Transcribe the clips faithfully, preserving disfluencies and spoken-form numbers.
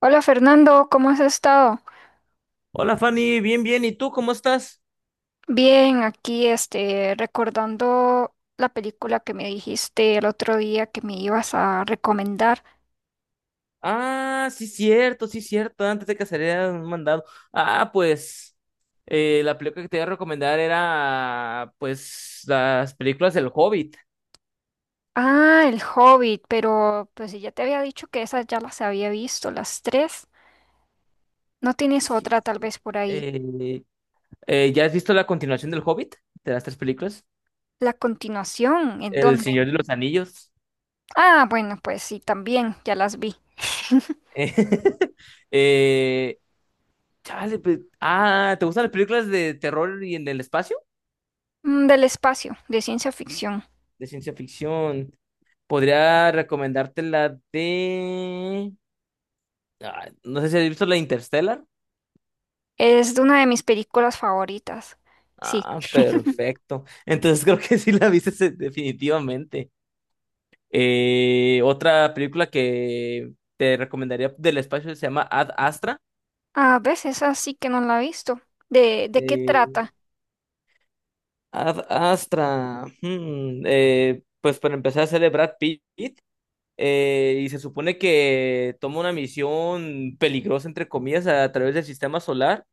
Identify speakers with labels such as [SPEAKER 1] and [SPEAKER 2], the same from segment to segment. [SPEAKER 1] Hola Fernando, ¿cómo has estado?
[SPEAKER 2] Hola Fanny, bien, bien, ¿y tú cómo estás?
[SPEAKER 1] Bien, aquí este, recordando la película que me dijiste el otro día que me ibas a recomendar.
[SPEAKER 2] Ah, sí, cierto, sí, cierto, antes de que saliera un mandado. Ah, pues eh, la película que te iba a recomendar era, pues, las películas del Hobbit.
[SPEAKER 1] Ah, El Hobbit, pero pues si ya te había dicho que esas ya las había visto, las tres. ¿No tienes
[SPEAKER 2] Sí,
[SPEAKER 1] otra tal
[SPEAKER 2] sí.
[SPEAKER 1] vez por ahí?
[SPEAKER 2] Eh, eh, ¿ya has visto la continuación del Hobbit? De las tres películas.
[SPEAKER 1] ¿La continuación? ¿En
[SPEAKER 2] El
[SPEAKER 1] dónde?
[SPEAKER 2] Señor de los Anillos.
[SPEAKER 1] Ah, bueno, pues sí, también ya las vi.
[SPEAKER 2] Eh, eh, chale, pues, ah, ¿te gustan las películas de terror y en el espacio?
[SPEAKER 1] Mm, del espacio, de ciencia ficción.
[SPEAKER 2] De ciencia ficción. Podría recomendarte la de... ah, no sé si has visto la Interstellar.
[SPEAKER 1] Es de una de mis películas favoritas. Sí.
[SPEAKER 2] Ah, perfecto. Entonces creo que sí la viste se- definitivamente. Eh, otra película que te recomendaría del espacio se llama Ad Astra.
[SPEAKER 1] A veces así que no la he visto. ¿De, de qué
[SPEAKER 2] Eh,
[SPEAKER 1] trata?
[SPEAKER 2] Ad Astra. hmm, eh, pues para empezar a celebrar Pitt. Eh, y se supone que toma una misión peligrosa, entre comillas, a través del sistema solar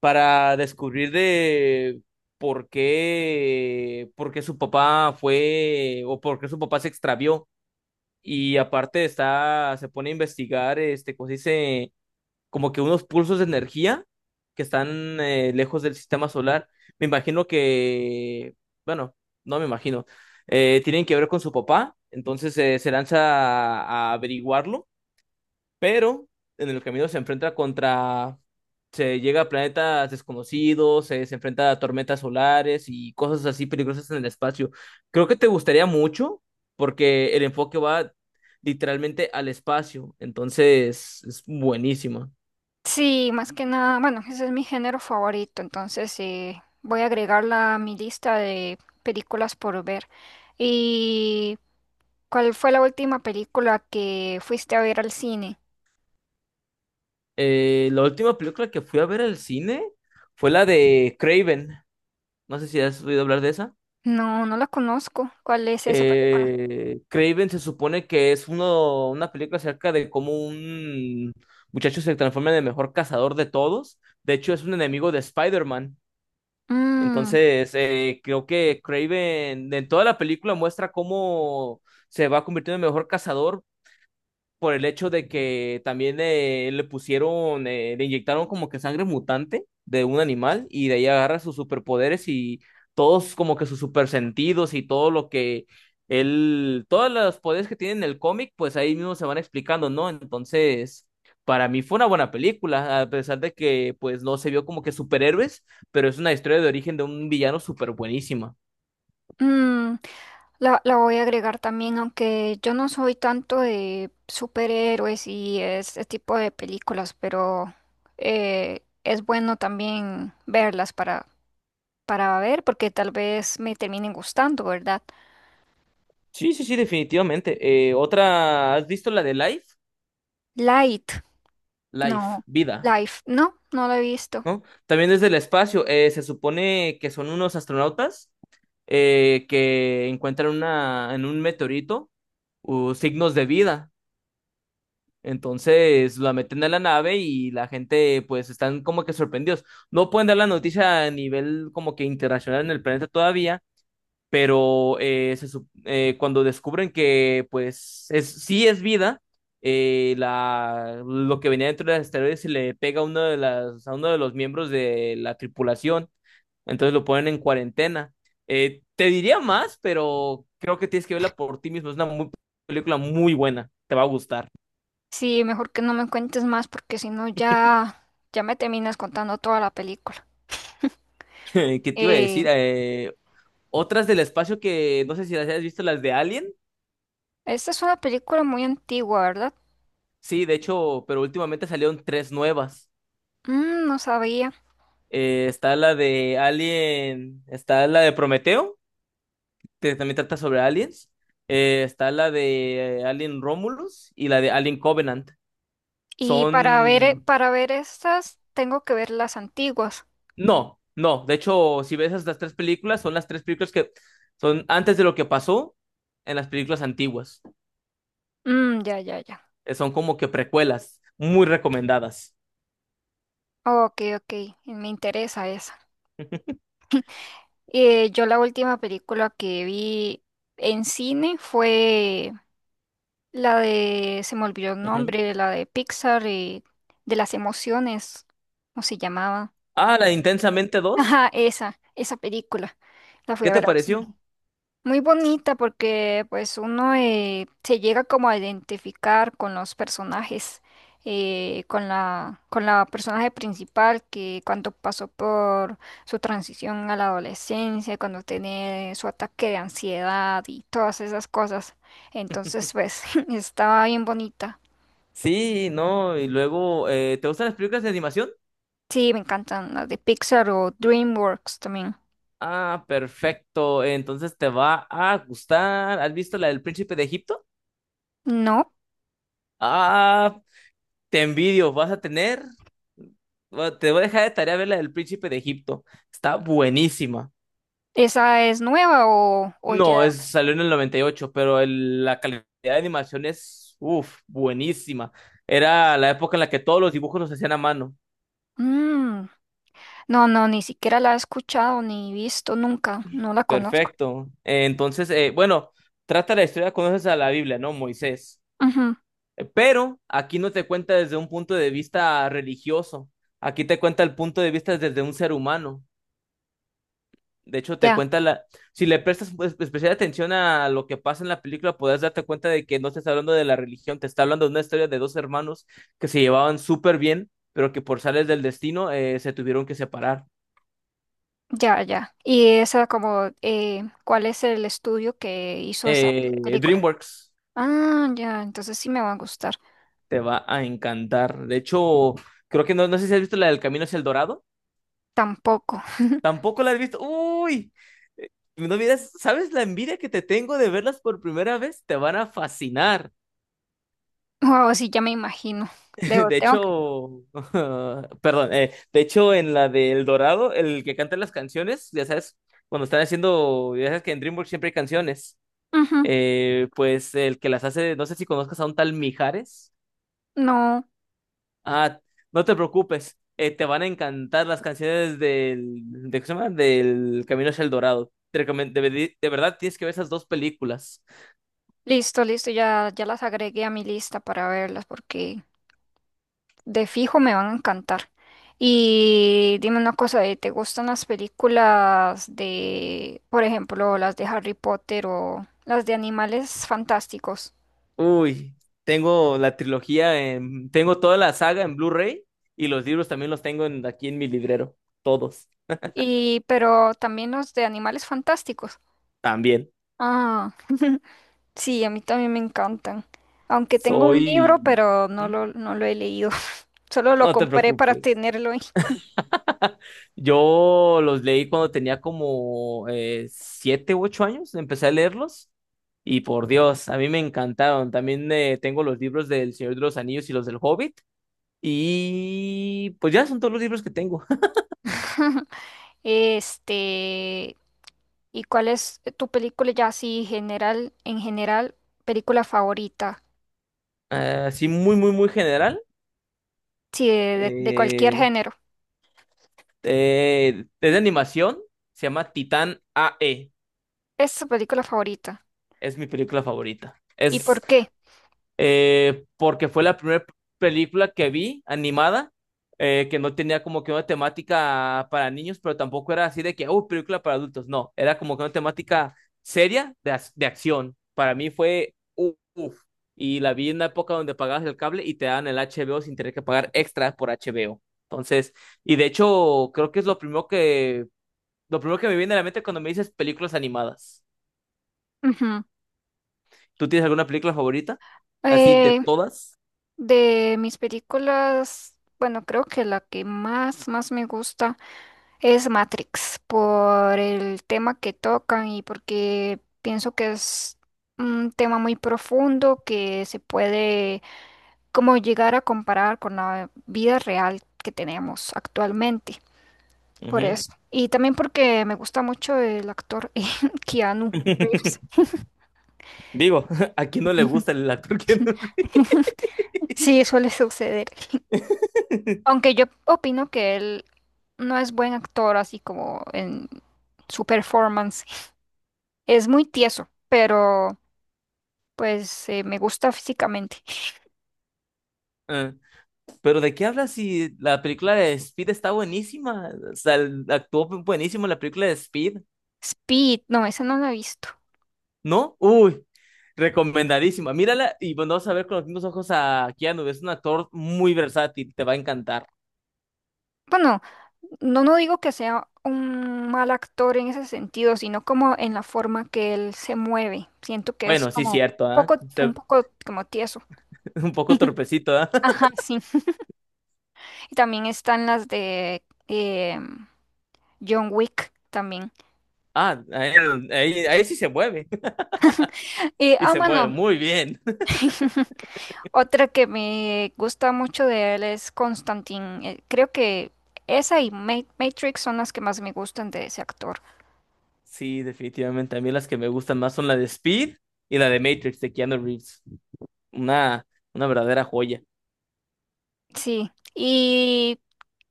[SPEAKER 2] para descubrir de por qué, por qué su papá fue o por qué su papá se extravió. Y aparte está, se pone a investigar, este, como se dice, como que unos pulsos de energía que están eh, lejos del sistema solar. Me imagino que, bueno, no me imagino, eh, tienen que ver con su papá. Entonces eh, se lanza a, a averiguarlo, pero en el camino se enfrenta contra se llega a planetas desconocidos, se, se enfrenta a tormentas solares y cosas así peligrosas en el espacio. Creo que te gustaría mucho porque el enfoque va literalmente al espacio, entonces es buenísima.
[SPEAKER 1] Sí, más que nada, bueno, ese es mi género favorito, entonces eh, voy a agregarla a mi lista de películas por ver. ¿Y cuál fue la última película que fuiste a ver al cine?
[SPEAKER 2] Eh, la última película que fui a ver al cine fue la de Craven. No sé si has oído hablar de esa.
[SPEAKER 1] No, no la conozco. ¿Cuál es esa película?
[SPEAKER 2] Eh, Craven se supone que es uno, una película acerca de cómo un muchacho se transforma en el mejor cazador de todos. De hecho, es un enemigo de Spider-Man.
[SPEAKER 1] Mm,
[SPEAKER 2] Entonces, eh, creo que Craven en toda la película muestra cómo se va convirtiendo en el mejor cazador por el hecho de que también eh, le pusieron, eh, le inyectaron como que sangre mutante de un animal y de ahí agarra sus superpoderes y todos como que sus supersentidos y todo lo que él, todos los poderes que tiene en el cómic, pues ahí mismo se van explicando, ¿no? Entonces, para mí fue una buena película, a pesar de que pues no se vio como que superhéroes, pero es una historia de origen de un villano súper buenísima.
[SPEAKER 1] mm. La, la voy a agregar también, aunque yo no soy tanto de superhéroes y este tipo de películas, pero eh, es bueno también verlas para, para ver, porque tal vez me terminen gustando, ¿verdad?
[SPEAKER 2] Sí, sí, sí, definitivamente. Eh, otra, ¿has visto la de Life?
[SPEAKER 1] Light,
[SPEAKER 2] Life,
[SPEAKER 1] no,
[SPEAKER 2] vida.
[SPEAKER 1] Life, no, no la he visto.
[SPEAKER 2] ¿No? También desde el espacio, eh, se supone que son unos astronautas eh, que encuentran una, en un meteorito uh, signos de vida. Entonces la meten a la nave y la gente pues están como que sorprendidos. No pueden dar la noticia a nivel como que internacional en el planeta todavía, pero eh, se sup- eh, cuando descubren que pues es, sí es vida, eh, la, lo que venía dentro de las asteroides se le pega a uno de las, a uno de los miembros de la tripulación, entonces lo ponen en cuarentena. Eh, te diría más, pero creo que tienes que verla por ti mismo. Es una muy- película muy buena, te va a gustar.
[SPEAKER 1] Sí, mejor que no me cuentes más, porque si no ya, ya me terminas contando toda la película.
[SPEAKER 2] ¿Qué te iba a
[SPEAKER 1] Eh,
[SPEAKER 2] decir? Eh, otras del espacio que no sé si las hayas visto, las de Alien.
[SPEAKER 1] Esta es una película muy antigua, ¿verdad?
[SPEAKER 2] Sí, de hecho, pero últimamente salieron tres nuevas.
[SPEAKER 1] Mm, no sabía.
[SPEAKER 2] Eh, está la de Alien, está la de Prometeo, que también trata sobre aliens. Eh, está la de eh, Alien Romulus y la de Alien Covenant.
[SPEAKER 1] Y para ver, eh,
[SPEAKER 2] Son...
[SPEAKER 1] para ver estas, tengo que ver las antiguas.
[SPEAKER 2] No, no. De hecho, si ves estas tres películas, son las tres películas que son antes de lo que pasó en las películas antiguas.
[SPEAKER 1] Mm, ya, ya, ya.
[SPEAKER 2] Eh, son como que precuelas, muy recomendadas.
[SPEAKER 1] Ok, ok. Y me interesa esa. Eh, yo la última película que vi en cine fue la de, se me olvidó el
[SPEAKER 2] Ujú.
[SPEAKER 1] nombre, la de Pixar, eh, de las emociones, ¿cómo se llamaba?
[SPEAKER 2] Ah, la de Intensamente dos,
[SPEAKER 1] Ajá, esa, esa película. La fui
[SPEAKER 2] ¿qué
[SPEAKER 1] a
[SPEAKER 2] te
[SPEAKER 1] ver al
[SPEAKER 2] pareció?
[SPEAKER 1] cine. Muy bonita porque pues uno eh, se llega como a identificar con los personajes, eh, con la, con la personaje principal que cuando pasó por su transición a la adolescencia, cuando tiene su ataque de ansiedad y todas esas cosas. Entonces pues estaba bien bonita.
[SPEAKER 2] Sí, no. Y luego, eh, ¿te gustan las películas de animación?
[SPEAKER 1] Sí, me encantan las de Pixar o DreamWorks también.
[SPEAKER 2] Ah, perfecto. Entonces te va a gustar. ¿Has visto la del Príncipe de Egipto?
[SPEAKER 1] ¿No?
[SPEAKER 2] Ah, te envidio. Vas a tener. Bueno, te voy a dejar de tarea ver la del Príncipe de Egipto. Está buenísima.
[SPEAKER 1] ¿Esa es nueva o, o ya?
[SPEAKER 2] No, es, salió en el noventa y ocho, pero el- la calidad de animación es, uff, buenísima. Era la época en la que todos los dibujos los hacían a mano.
[SPEAKER 1] Mm. No, no, ni siquiera la he escuchado ni visto nunca, no la conozco.
[SPEAKER 2] Perfecto. Eh, Entonces, eh, bueno, trata la historia, conoces a la Biblia, ¿no? Moisés.
[SPEAKER 1] Ujú.
[SPEAKER 2] Eh, Pero aquí no te cuenta desde un punto de vista religioso, aquí te cuenta el punto de vista desde un ser humano. De hecho, te
[SPEAKER 1] Ya,
[SPEAKER 2] cuenta la... Si le prestas pues, especial atención a lo que pasa en la película, podrás darte cuenta de que no te está hablando de la religión, te está hablando de una historia de dos hermanos que se llevaban súper bien, pero que por sales del destino eh, se tuvieron que separar.
[SPEAKER 1] ya, ya. Y esa como, eh, ¿cuál es el estudio que hizo esa
[SPEAKER 2] Eh,
[SPEAKER 1] película?
[SPEAKER 2] DreamWorks
[SPEAKER 1] Ah, ya, entonces sí me va a gustar.
[SPEAKER 2] te va a encantar. De hecho, creo que no, no sé si has visto la del Camino hacia el Dorado.
[SPEAKER 1] Tampoco.
[SPEAKER 2] Tampoco la has visto. Uy, eh, no miras, ¿sabes la envidia que te tengo de verlas por primera vez? Te van a fascinar.
[SPEAKER 1] Wow, sí, ya me imagino. Debo,
[SPEAKER 2] De
[SPEAKER 1] tengo que-
[SPEAKER 2] hecho, perdón, eh, de hecho en la de El Dorado, el que canta las canciones, ya sabes, cuando están haciendo, ya sabes que en DreamWorks siempre hay canciones.
[SPEAKER 1] ujú.
[SPEAKER 2] Eh, pues el que las hace, no sé si conozcas a un tal Mijares.
[SPEAKER 1] No,
[SPEAKER 2] Ah, no te preocupes, eh, te van a encantar las canciones del, de, ¿cómo se llama? Del Camino hacia el Dorado. Te recomen- de, veri- de verdad tienes que ver esas dos películas.
[SPEAKER 1] listo, listo, ya, ya las agregué a mi lista para verlas porque de fijo me van a encantar. Y dime una cosa, ¿eh? ¿Te gustan las películas de, por ejemplo, las de Harry Potter o las de animales fantásticos?
[SPEAKER 2] Uy, tengo la trilogía, en- tengo toda la saga en Blu-ray y los libros también los tengo en- aquí en mi librero, todos,
[SPEAKER 1] Y, pero también los de animales fantásticos.
[SPEAKER 2] también.
[SPEAKER 1] Ah, sí, a mí también me encantan. Aunque tengo un
[SPEAKER 2] Soy...
[SPEAKER 1] libro, pero no
[SPEAKER 2] ¿Mm?
[SPEAKER 1] lo, no lo he leído. Solo lo
[SPEAKER 2] No te
[SPEAKER 1] compré para
[SPEAKER 2] preocupes.
[SPEAKER 1] tenerlo ahí.
[SPEAKER 2] Yo los leí cuando tenía como eh, siete u ocho años, empecé a leerlos y por Dios, a mí me encantaron. También eh, tengo los libros del Señor de los Anillos y los del Hobbit y pues ya son todos los libros que tengo.
[SPEAKER 1] Este, ¿Y cuál es tu película ya así general, en general, película favorita?
[SPEAKER 2] Así muy, muy, muy general.
[SPEAKER 1] Sí, de, de- de cualquier
[SPEAKER 2] Eh,
[SPEAKER 1] género.
[SPEAKER 2] eh, es de animación, se llama Titán A E,
[SPEAKER 1] Es tu película favorita.
[SPEAKER 2] es mi película favorita.
[SPEAKER 1] ¿Y
[SPEAKER 2] Es
[SPEAKER 1] por qué?
[SPEAKER 2] eh, porque fue la primera película que vi animada, eh, que no tenía como que una temática para niños, pero tampoco era así de que, oh, película para adultos, no, era como que una temática seria de, ac- de acción. Para mí fue, u- uf, y la vi en una época donde pagabas el cable y te daban el H B O sin tener que pagar extra por H B O. Entonces, y de hecho, creo que es lo primero que, lo primero que me viene a la mente cuando me dices películas animadas.
[SPEAKER 1] Ujú.
[SPEAKER 2] ¿Tú tienes alguna película favorita? Así de
[SPEAKER 1] Eh,
[SPEAKER 2] todas.
[SPEAKER 1] de mis películas, bueno, creo que la que más, más me gusta es Matrix, por el tema que tocan y porque pienso que es un tema muy profundo que se puede como llegar a comparar con la vida real que tenemos actualmente. Por
[SPEAKER 2] Ujú.
[SPEAKER 1] eso. Y también porque me gusta mucho el actor Keanu Reeves.
[SPEAKER 2] Digo, ¿a quién no le gusta el actor Keanu Reeves?
[SPEAKER 1] Sí, suele suceder. Aunque yo opino que él no es buen actor, así como en su performance. Es muy tieso, pero pues eh, me gusta físicamente.
[SPEAKER 2] Ah, pero ¿de qué hablas si la película de Speed está buenísima? O sea, el- actuó buenísimo en la película de Speed,
[SPEAKER 1] Speed, no, esa no la he visto.
[SPEAKER 2] ¿no? Uy, recomendadísima. Mírala y bueno, vas a ver con los mismos ojos a Keanu. Es un actor muy versátil, te va a encantar.
[SPEAKER 1] Bueno, no, no digo que sea un mal actor en ese sentido, sino como en la forma que él se mueve. Siento que es
[SPEAKER 2] Bueno, sí,
[SPEAKER 1] como
[SPEAKER 2] cierto, ¿ah?
[SPEAKER 1] poco, un
[SPEAKER 2] Se-
[SPEAKER 1] poco como tieso.
[SPEAKER 2] Un poco torpecito, ¿ah?
[SPEAKER 1] Ajá, sí. Y también están las de eh, John Wick también.
[SPEAKER 2] Ah, ahí, ahí- ahí sí se mueve.
[SPEAKER 1] Y,
[SPEAKER 2] Y
[SPEAKER 1] ah,
[SPEAKER 2] se mueve
[SPEAKER 1] bueno,
[SPEAKER 2] muy bien.
[SPEAKER 1] otra que me gusta mucho de él es Constantine. Eh, creo que esa y Ma- Matrix son las que más me gustan de ese actor.
[SPEAKER 2] Sí, definitivamente. A mí las que me gustan más son la de Speed y la de Matrix de Keanu Reeves. una, una verdadera joya.
[SPEAKER 1] Sí. ¿Y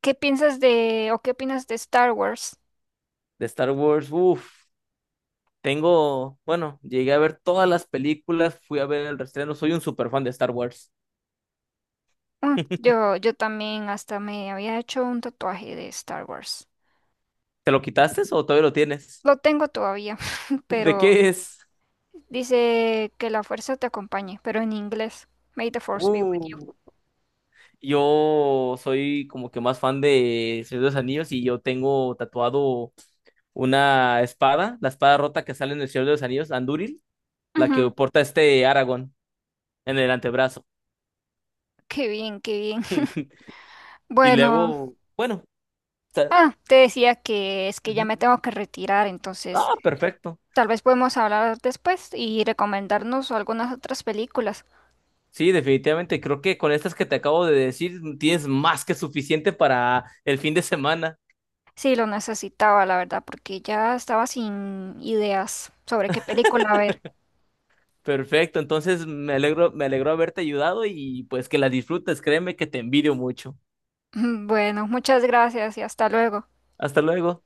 [SPEAKER 1] qué piensas de o qué opinas de Star Wars?
[SPEAKER 2] De Star Wars, uf, tengo, bueno, llegué a ver todas las películas, fui a ver el reestreno, soy un super fan de Star Wars.
[SPEAKER 1] Mm, yo, yo también hasta me había hecho un tatuaje de Star Wars.
[SPEAKER 2] ¿Te lo quitaste o todavía lo tienes?
[SPEAKER 1] Lo tengo todavía,
[SPEAKER 2] ¿De
[SPEAKER 1] pero...
[SPEAKER 2] qué es?
[SPEAKER 1] Dice que la fuerza te acompañe, pero en inglés. May the force be with you.
[SPEAKER 2] Uh, yo soy como que más fan de Señor de los Anillos y yo tengo tatuado una espada, la espada rota que sale en el Señor de los Anillos, Andúril, la que
[SPEAKER 1] Ujú.
[SPEAKER 2] porta este Aragorn en el antebrazo.
[SPEAKER 1] Qué bien, qué bien.
[SPEAKER 2] Y
[SPEAKER 1] Bueno,
[SPEAKER 2] luego, bueno, ta-
[SPEAKER 1] ah, te decía que es que ya
[SPEAKER 2] ujú.
[SPEAKER 1] me tengo que retirar, entonces
[SPEAKER 2] Ah, perfecto.
[SPEAKER 1] tal vez podemos hablar después y recomendarnos algunas otras películas.
[SPEAKER 2] Sí, definitivamente. Creo que con estas que te acabo de decir tienes más que suficiente para el fin de semana.
[SPEAKER 1] Sí, lo necesitaba, la verdad, porque ya estaba sin ideas sobre qué película ver.
[SPEAKER 2] Perfecto. Entonces me alegro, me alegro haberte ayudado y pues que las disfrutes. Créeme que te envidio mucho.
[SPEAKER 1] Bueno, muchas gracias y hasta luego.
[SPEAKER 2] Hasta luego.